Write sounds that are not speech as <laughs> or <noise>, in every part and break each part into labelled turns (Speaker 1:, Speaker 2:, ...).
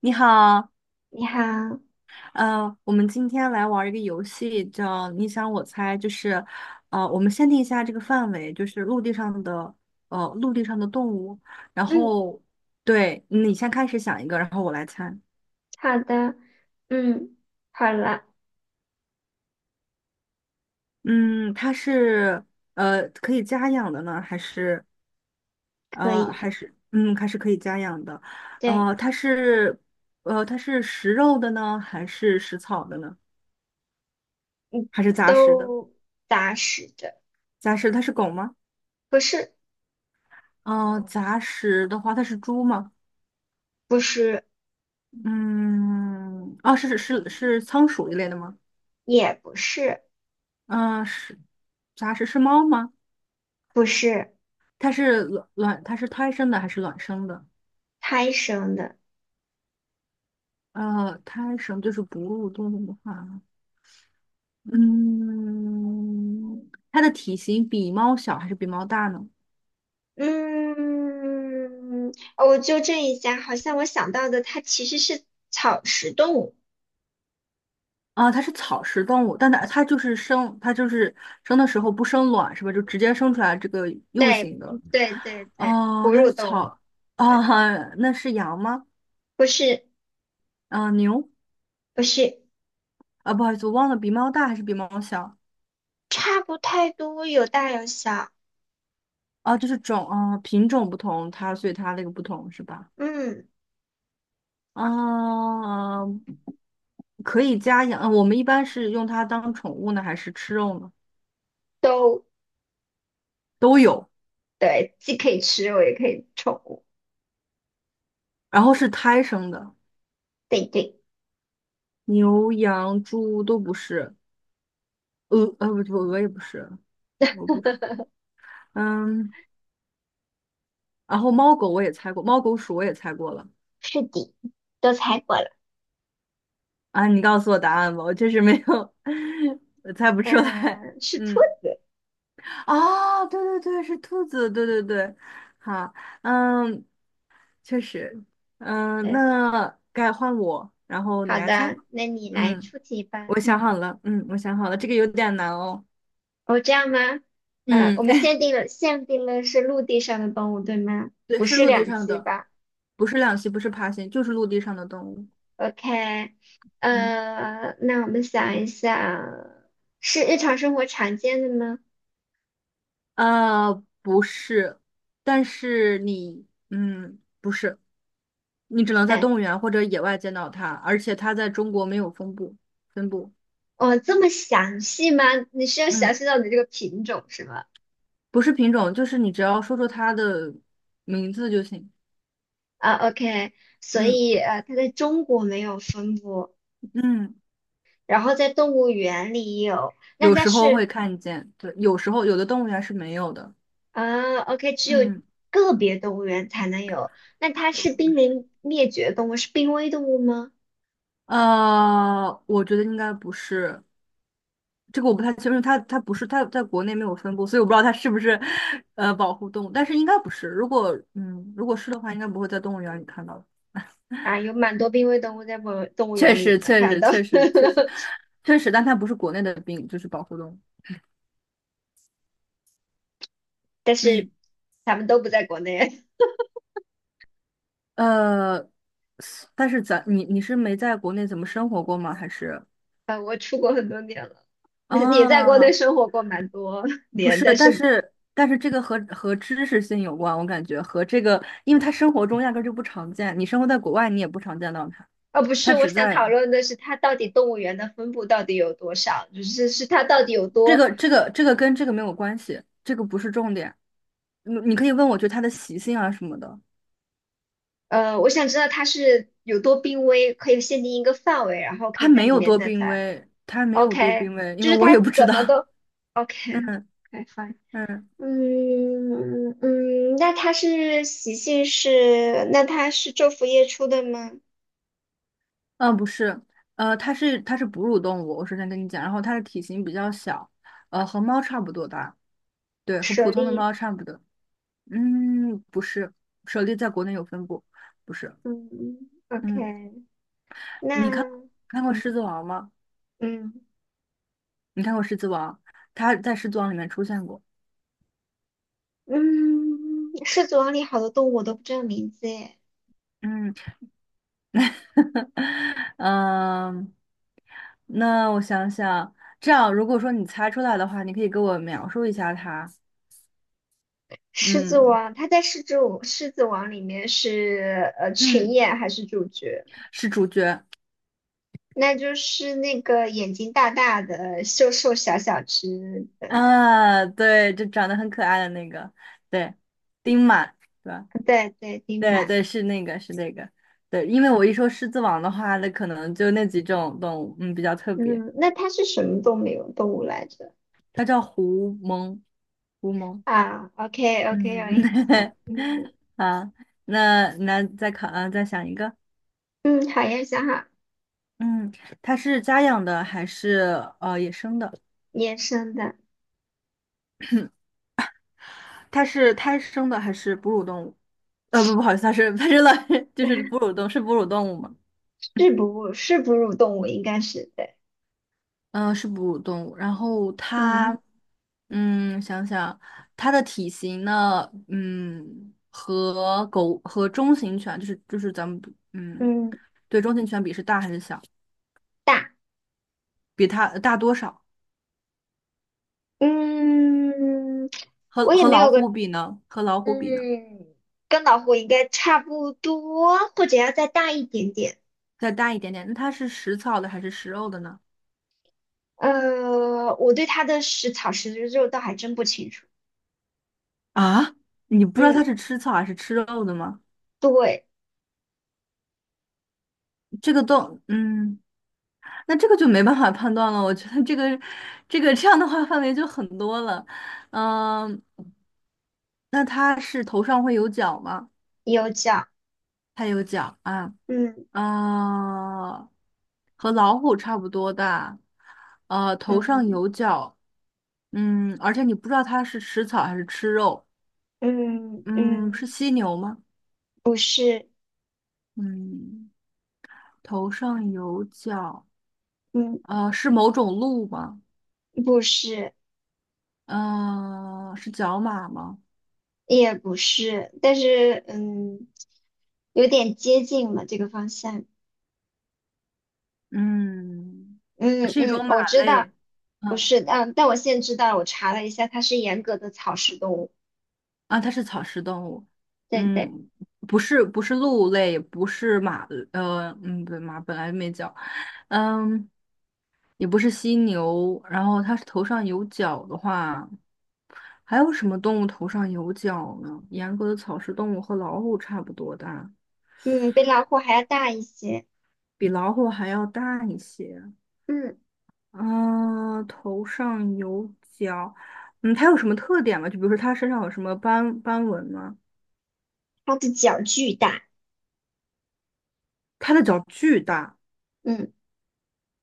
Speaker 1: 你好。
Speaker 2: 你好。
Speaker 1: 我们今天来玩儿一个游戏，叫你想我猜。我们限定一下这个范围，就是陆地上的，陆地上的动物。然
Speaker 2: 嗯。
Speaker 1: 后，对，你先开始想一个，然后我来猜。
Speaker 2: 好的。嗯。好了。
Speaker 1: 嗯，它是，可以家养的呢，
Speaker 2: 可以。
Speaker 1: 还是可以家养的。
Speaker 2: 对。
Speaker 1: 呃，它是，它是食肉的呢，还是食草的呢？
Speaker 2: 嗯。
Speaker 1: 还是杂食的？
Speaker 2: 都打死的。
Speaker 1: 杂食，它是狗吗？
Speaker 2: 不是。
Speaker 1: 杂食的话，它是猪吗？
Speaker 2: 不是。
Speaker 1: 嗯，啊，是仓鼠一类的吗？
Speaker 2: 也不是。
Speaker 1: 嗯、是杂食是猫吗？
Speaker 2: 不是
Speaker 1: 它是胎生的还是卵生的？
Speaker 2: 胎生的。
Speaker 1: 呃，胎生就是哺乳动物的话，嗯，它的体型比猫小还是比猫大呢？
Speaker 2: 嗯。哦，我纠正一下，好像我想到的它其实是草食动物。
Speaker 1: 啊，它是草食动物，但它就是生，它就是生的时候不生卵是吧？就直接生出来这个幼
Speaker 2: 对，
Speaker 1: 型的。
Speaker 2: 对对对，
Speaker 1: 哦，
Speaker 2: 哺
Speaker 1: 它
Speaker 2: 乳
Speaker 1: 是
Speaker 2: 动物。
Speaker 1: 草啊，
Speaker 2: 对。
Speaker 1: <laughs> 那是羊吗？
Speaker 2: 不是。
Speaker 1: 啊，牛
Speaker 2: 不是。
Speaker 1: 啊，不好意思，我忘了比猫大还是比猫小。
Speaker 2: 差不太多，有大有小。
Speaker 1: 啊？就是种啊，品种不同，它所以它那个不同是吧？
Speaker 2: 嗯。
Speaker 1: 啊，可以家养。呃我们一般是用它当宠物呢，还是吃肉呢？
Speaker 2: 都。
Speaker 1: 都有，
Speaker 2: 对，既可以吃肉，也可以宠物。
Speaker 1: 然后是胎生的。
Speaker 2: 对对。
Speaker 1: 牛、羊、猪都不是。呃，呃不不鹅也不是。不是。嗯，然后猫狗我也猜过，猫狗鼠我也猜过了。
Speaker 2: 是的，都猜过了。
Speaker 1: 啊，你告诉我答案吧，我确实没有，<laughs> 我猜不出来。
Speaker 2: 嗯，是兔
Speaker 1: 嗯，
Speaker 2: 子。
Speaker 1: 哦，对对对，是兔子，对对对。好。嗯，确实。嗯，
Speaker 2: 对。
Speaker 1: 那该换我，然后你
Speaker 2: 好
Speaker 1: 来猜。
Speaker 2: 的，那你来
Speaker 1: 嗯，
Speaker 2: 出题吧。
Speaker 1: 我想
Speaker 2: 嗯。
Speaker 1: 好了，嗯，我想好了，这个有点难哦。
Speaker 2: 哦，这样吗？我
Speaker 1: 嗯，
Speaker 2: 们
Speaker 1: <laughs>
Speaker 2: 限定了是陆地上的动物，对吗？
Speaker 1: 对，
Speaker 2: 不
Speaker 1: 是
Speaker 2: 是
Speaker 1: 陆地
Speaker 2: 两
Speaker 1: 上
Speaker 2: 栖
Speaker 1: 的。
Speaker 2: 吧
Speaker 1: 不是两栖，不是爬行，就是陆地上的动物。
Speaker 2: ？OK。
Speaker 1: 嗯。
Speaker 2: 那我们想一想，是日常生活常见的吗？
Speaker 1: 呃，不是。但是你，嗯，不是，你只能在
Speaker 2: 对。
Speaker 1: 动物园或者野外见到它，而且它在中国没有分布，分布。
Speaker 2: 哦，这么详细吗？你是要详
Speaker 1: 嗯，
Speaker 2: 细到你这个品种是吗？
Speaker 1: 不是品种，就是你只要说出它的名字就行。
Speaker 2: 啊，OK。所
Speaker 1: 嗯，
Speaker 2: 以它在中国没有分布，
Speaker 1: 嗯
Speaker 2: 然后在动物园里有，那
Speaker 1: 有
Speaker 2: 它
Speaker 1: 时候
Speaker 2: 是
Speaker 1: 会看见，对，有时候有的动物园是没有的。
Speaker 2: 啊，OK,只有
Speaker 1: 嗯，
Speaker 2: 个别动物园才能有。那它是濒临灭绝动物，是濒危动物吗？
Speaker 1: 呃，我觉得应该不是，这个我不太清楚。它它不是它在国内没有分布，所以我不知道它是不是呃保护动物，但是应该不是。如果如果是的话，应该不会在动物园里看到的。
Speaker 2: 啊，有蛮多濒危动物在动动物
Speaker 1: 确
Speaker 2: 园里也
Speaker 1: 实，
Speaker 2: 能
Speaker 1: 确
Speaker 2: 看
Speaker 1: 实，
Speaker 2: 到。
Speaker 1: 确实，确实，确实，但它不是国内的病，就是保护动物。
Speaker 2: <laughs> 但是
Speaker 1: 嗯，
Speaker 2: 它们都不在国内。<laughs>
Speaker 1: 呃，但是你你是没在国内怎么生活过吗？还是
Speaker 2: 啊，我出国很多年了，也在国内
Speaker 1: 啊，
Speaker 2: 生活过蛮多
Speaker 1: 不
Speaker 2: 年。
Speaker 1: 是。
Speaker 2: 但
Speaker 1: 但
Speaker 2: 是
Speaker 1: 是但是这个和知识性有关，我感觉和这个，因为它生活中压根儿就不常见，你生活在国外你也不常见到它，
Speaker 2: 哦，不是，
Speaker 1: 它
Speaker 2: 我
Speaker 1: 只
Speaker 2: 想
Speaker 1: 在。
Speaker 2: 讨论的是它到底动物园的分布到底有多少，就是它到底有
Speaker 1: 这
Speaker 2: 多。
Speaker 1: 个这个这个跟这个没有关系，这个不是重点。你可以问我，就它的习性啊什么的。
Speaker 2: 我想知道它是有多濒危，可以限定一个范围，然后可
Speaker 1: 它
Speaker 2: 以在
Speaker 1: 没
Speaker 2: 里
Speaker 1: 有
Speaker 2: 面
Speaker 1: 多
Speaker 2: 再
Speaker 1: 濒
Speaker 2: 猜。
Speaker 1: 危，它没有多
Speaker 2: OK,
Speaker 1: 濒危，因
Speaker 2: 就
Speaker 1: 为
Speaker 2: 是
Speaker 1: 我也
Speaker 2: 它
Speaker 1: 不知
Speaker 2: 怎
Speaker 1: 道。
Speaker 2: 么都
Speaker 1: <laughs> 嗯
Speaker 2: OK。OK，fine
Speaker 1: 嗯
Speaker 2: <laughs>、嗯嗯，那它是昼伏夜出的吗？
Speaker 1: 嗯，不是。呃，它是哺乳动物，我首先跟你讲，然后它的体型比较小，呃，和猫差不多大，对，和
Speaker 2: 舍
Speaker 1: 普通的
Speaker 2: 利。
Speaker 1: 猫差不多。嗯，不是，舍利在国内有分布，不是。
Speaker 2: 嗯，OK。
Speaker 1: 嗯，
Speaker 2: 那
Speaker 1: 你看看过
Speaker 2: 嗯
Speaker 1: 《狮子王》吗？
Speaker 2: 嗯。
Speaker 1: 你看过《狮子王》？它在《狮子王》里面出现过。
Speaker 2: 嗯，狮子王里好多动物我都不知道名字诶。
Speaker 1: 嗯。<laughs> 嗯，那我想想，这样如果说你猜出来的话，你可以给我描述一下它。
Speaker 2: 狮子
Speaker 1: 嗯
Speaker 2: 王，它在狮子王里面是群
Speaker 1: 嗯，
Speaker 2: 演还是主角？
Speaker 1: 是主角。
Speaker 2: 那就是那个眼睛大大的、瘦瘦小小只的那个，
Speaker 1: 啊，对，就长得很可爱的那个，对，丁满，对吧？
Speaker 2: 对对，丁
Speaker 1: 对
Speaker 2: 满。
Speaker 1: 对，是那个，是那个，对，因为我一说狮子王的话，那可能就那几种动物，嗯，比较特别。
Speaker 2: 嗯，那它是什么动物来着？
Speaker 1: 它叫狐獴，狐獴。
Speaker 2: 啊，OK OK,
Speaker 1: 嗯，
Speaker 2: 有印象。嗯
Speaker 1: <laughs> 啊，那那再考，啊，再想一个。
Speaker 2: 嗯。好呀，想好。
Speaker 1: 嗯，它是家养的还是呃野生的？
Speaker 2: 野生的。
Speaker 1: 它是胎生的还是哺乳动物？呃，不，不好意思，它是老 <laughs> 就是
Speaker 2: <laughs>
Speaker 1: 哺乳动物吗？
Speaker 2: 是哺乳动物，应该是对。
Speaker 1: 是哺乳动物。然后它，
Speaker 2: 嗯
Speaker 1: 嗯，想想它的体型呢，嗯，和狗和中型犬就是咱们嗯，
Speaker 2: 嗯。
Speaker 1: 对中型犬比是大还是小？
Speaker 2: 大。
Speaker 1: 比它大多少？
Speaker 2: 嗯，我也没有个，
Speaker 1: 和老虎比呢？
Speaker 2: 嗯，跟老虎应该差不多，或者要再大一点点。
Speaker 1: 再大一点点。那它是食草的还是食肉的呢？
Speaker 2: 我对它的食草食肉倒还真不清楚。
Speaker 1: 啊，你不知道
Speaker 2: 嗯，
Speaker 1: 它是吃草还是吃肉的吗？
Speaker 2: 对，
Speaker 1: 这个都，嗯，那这个就没办法判断了。我觉得这个，这个这样的话范围就很多了。嗯，那它是头上会有角吗？
Speaker 2: 有角。
Speaker 1: 它有角啊，
Speaker 2: 嗯
Speaker 1: 啊，和老虎差不多大，呃，头上
Speaker 2: 嗯
Speaker 1: 有角，嗯，而且你不知道它是吃草还是吃肉。
Speaker 2: 嗯
Speaker 1: 嗯，是
Speaker 2: 嗯。
Speaker 1: 犀牛吗？
Speaker 2: 不是。
Speaker 1: 嗯，头上有角。
Speaker 2: 嗯
Speaker 1: 呃，是某种鹿吗？
Speaker 2: 不是，
Speaker 1: 呃，是角马吗？
Speaker 2: 也不是，但是有点接近了这个方向。
Speaker 1: 嗯，
Speaker 2: 嗯
Speaker 1: 是一
Speaker 2: 嗯，
Speaker 1: 种
Speaker 2: 我
Speaker 1: 马
Speaker 2: 知道。
Speaker 1: 类。
Speaker 2: 不
Speaker 1: 嗯，
Speaker 2: 是。嗯，但我现在知道了，我查了一下，它是严格的草食动物。
Speaker 1: 啊，它是草食动物。
Speaker 2: 对对。
Speaker 1: 嗯，不是，不是鹿类，也不是马，呃，嗯，对，马本来没角。嗯，也不是犀牛。然后它是头上有角的话，还有什么动物头上有角呢？严格的草食动物和老虎差不多大，
Speaker 2: 嗯，比老虎还要大一些。
Speaker 1: 比老虎还要大一些。
Speaker 2: 嗯，
Speaker 1: 啊，头上有角。嗯，它有什么特点吗？就比如说它身上有什么斑纹吗？
Speaker 2: 它的脚巨大。
Speaker 1: 它的脚巨大。
Speaker 2: 嗯，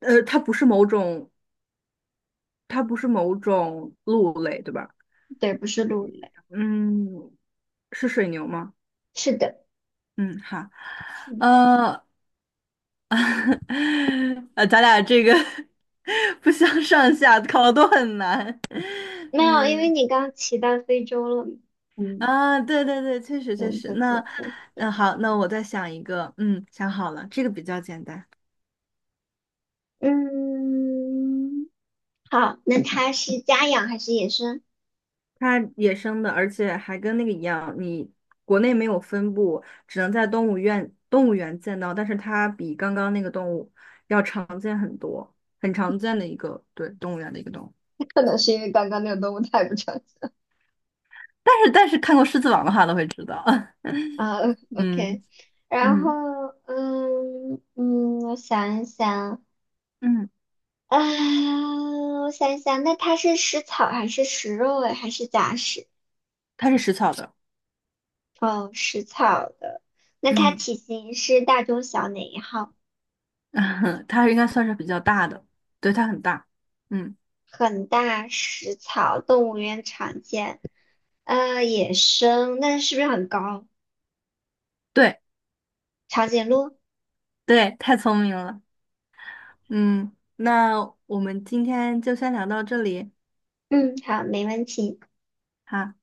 Speaker 1: 呃，它不是某种，它不是某种鹿类，对吧？
Speaker 2: 对，不是鹿类。
Speaker 1: 嗯，是水牛吗？
Speaker 2: 是的。
Speaker 1: 嗯，好，
Speaker 2: 嗯，
Speaker 1: 呃，<laughs> 呃，咱俩这个 <laughs> 不相上下，考的都很难。<laughs>
Speaker 2: 没有，因为
Speaker 1: 嗯，
Speaker 2: 你刚骑到非洲了嘛。嗯，
Speaker 1: 啊，对对对，确实
Speaker 2: 对
Speaker 1: 确实。
Speaker 2: 对对
Speaker 1: 那，
Speaker 2: 对。
Speaker 1: 嗯，好，那我再想一个，嗯，想好了，这个比较简单。
Speaker 2: 嗯，好。那它是家养还是野生？
Speaker 1: 它野生的，而且还跟那个一样，你国内没有分布，只能在动物园见到，但是它比刚刚那个动物要常见很多，很常见的一个，对，动物园的一个动物。
Speaker 2: 可能是因为刚刚那个动物太不常见。
Speaker 1: 但是看过《狮子王》的话都会知道。
Speaker 2: 啊
Speaker 1: <laughs>
Speaker 2: ，OK。
Speaker 1: 嗯，
Speaker 2: 然后。
Speaker 1: 嗯
Speaker 2: 嗯嗯，我想一想。
Speaker 1: 嗯，
Speaker 2: 啊，我想一想。那它是食草还是食肉类还是杂食？
Speaker 1: 它是食草的。
Speaker 2: 哦，食草的。那它
Speaker 1: 嗯，
Speaker 2: 体型是大中小哪一号？
Speaker 1: <laughs> 它应该算是比较大的，对，它很大。嗯，
Speaker 2: 很大，食草，动物园常见。野生，那是不是很高？
Speaker 1: 对
Speaker 2: 长颈鹿？
Speaker 1: 对，太聪明了。嗯，那我们今天就先聊到这里。
Speaker 2: 嗯，好，没问题。
Speaker 1: 好。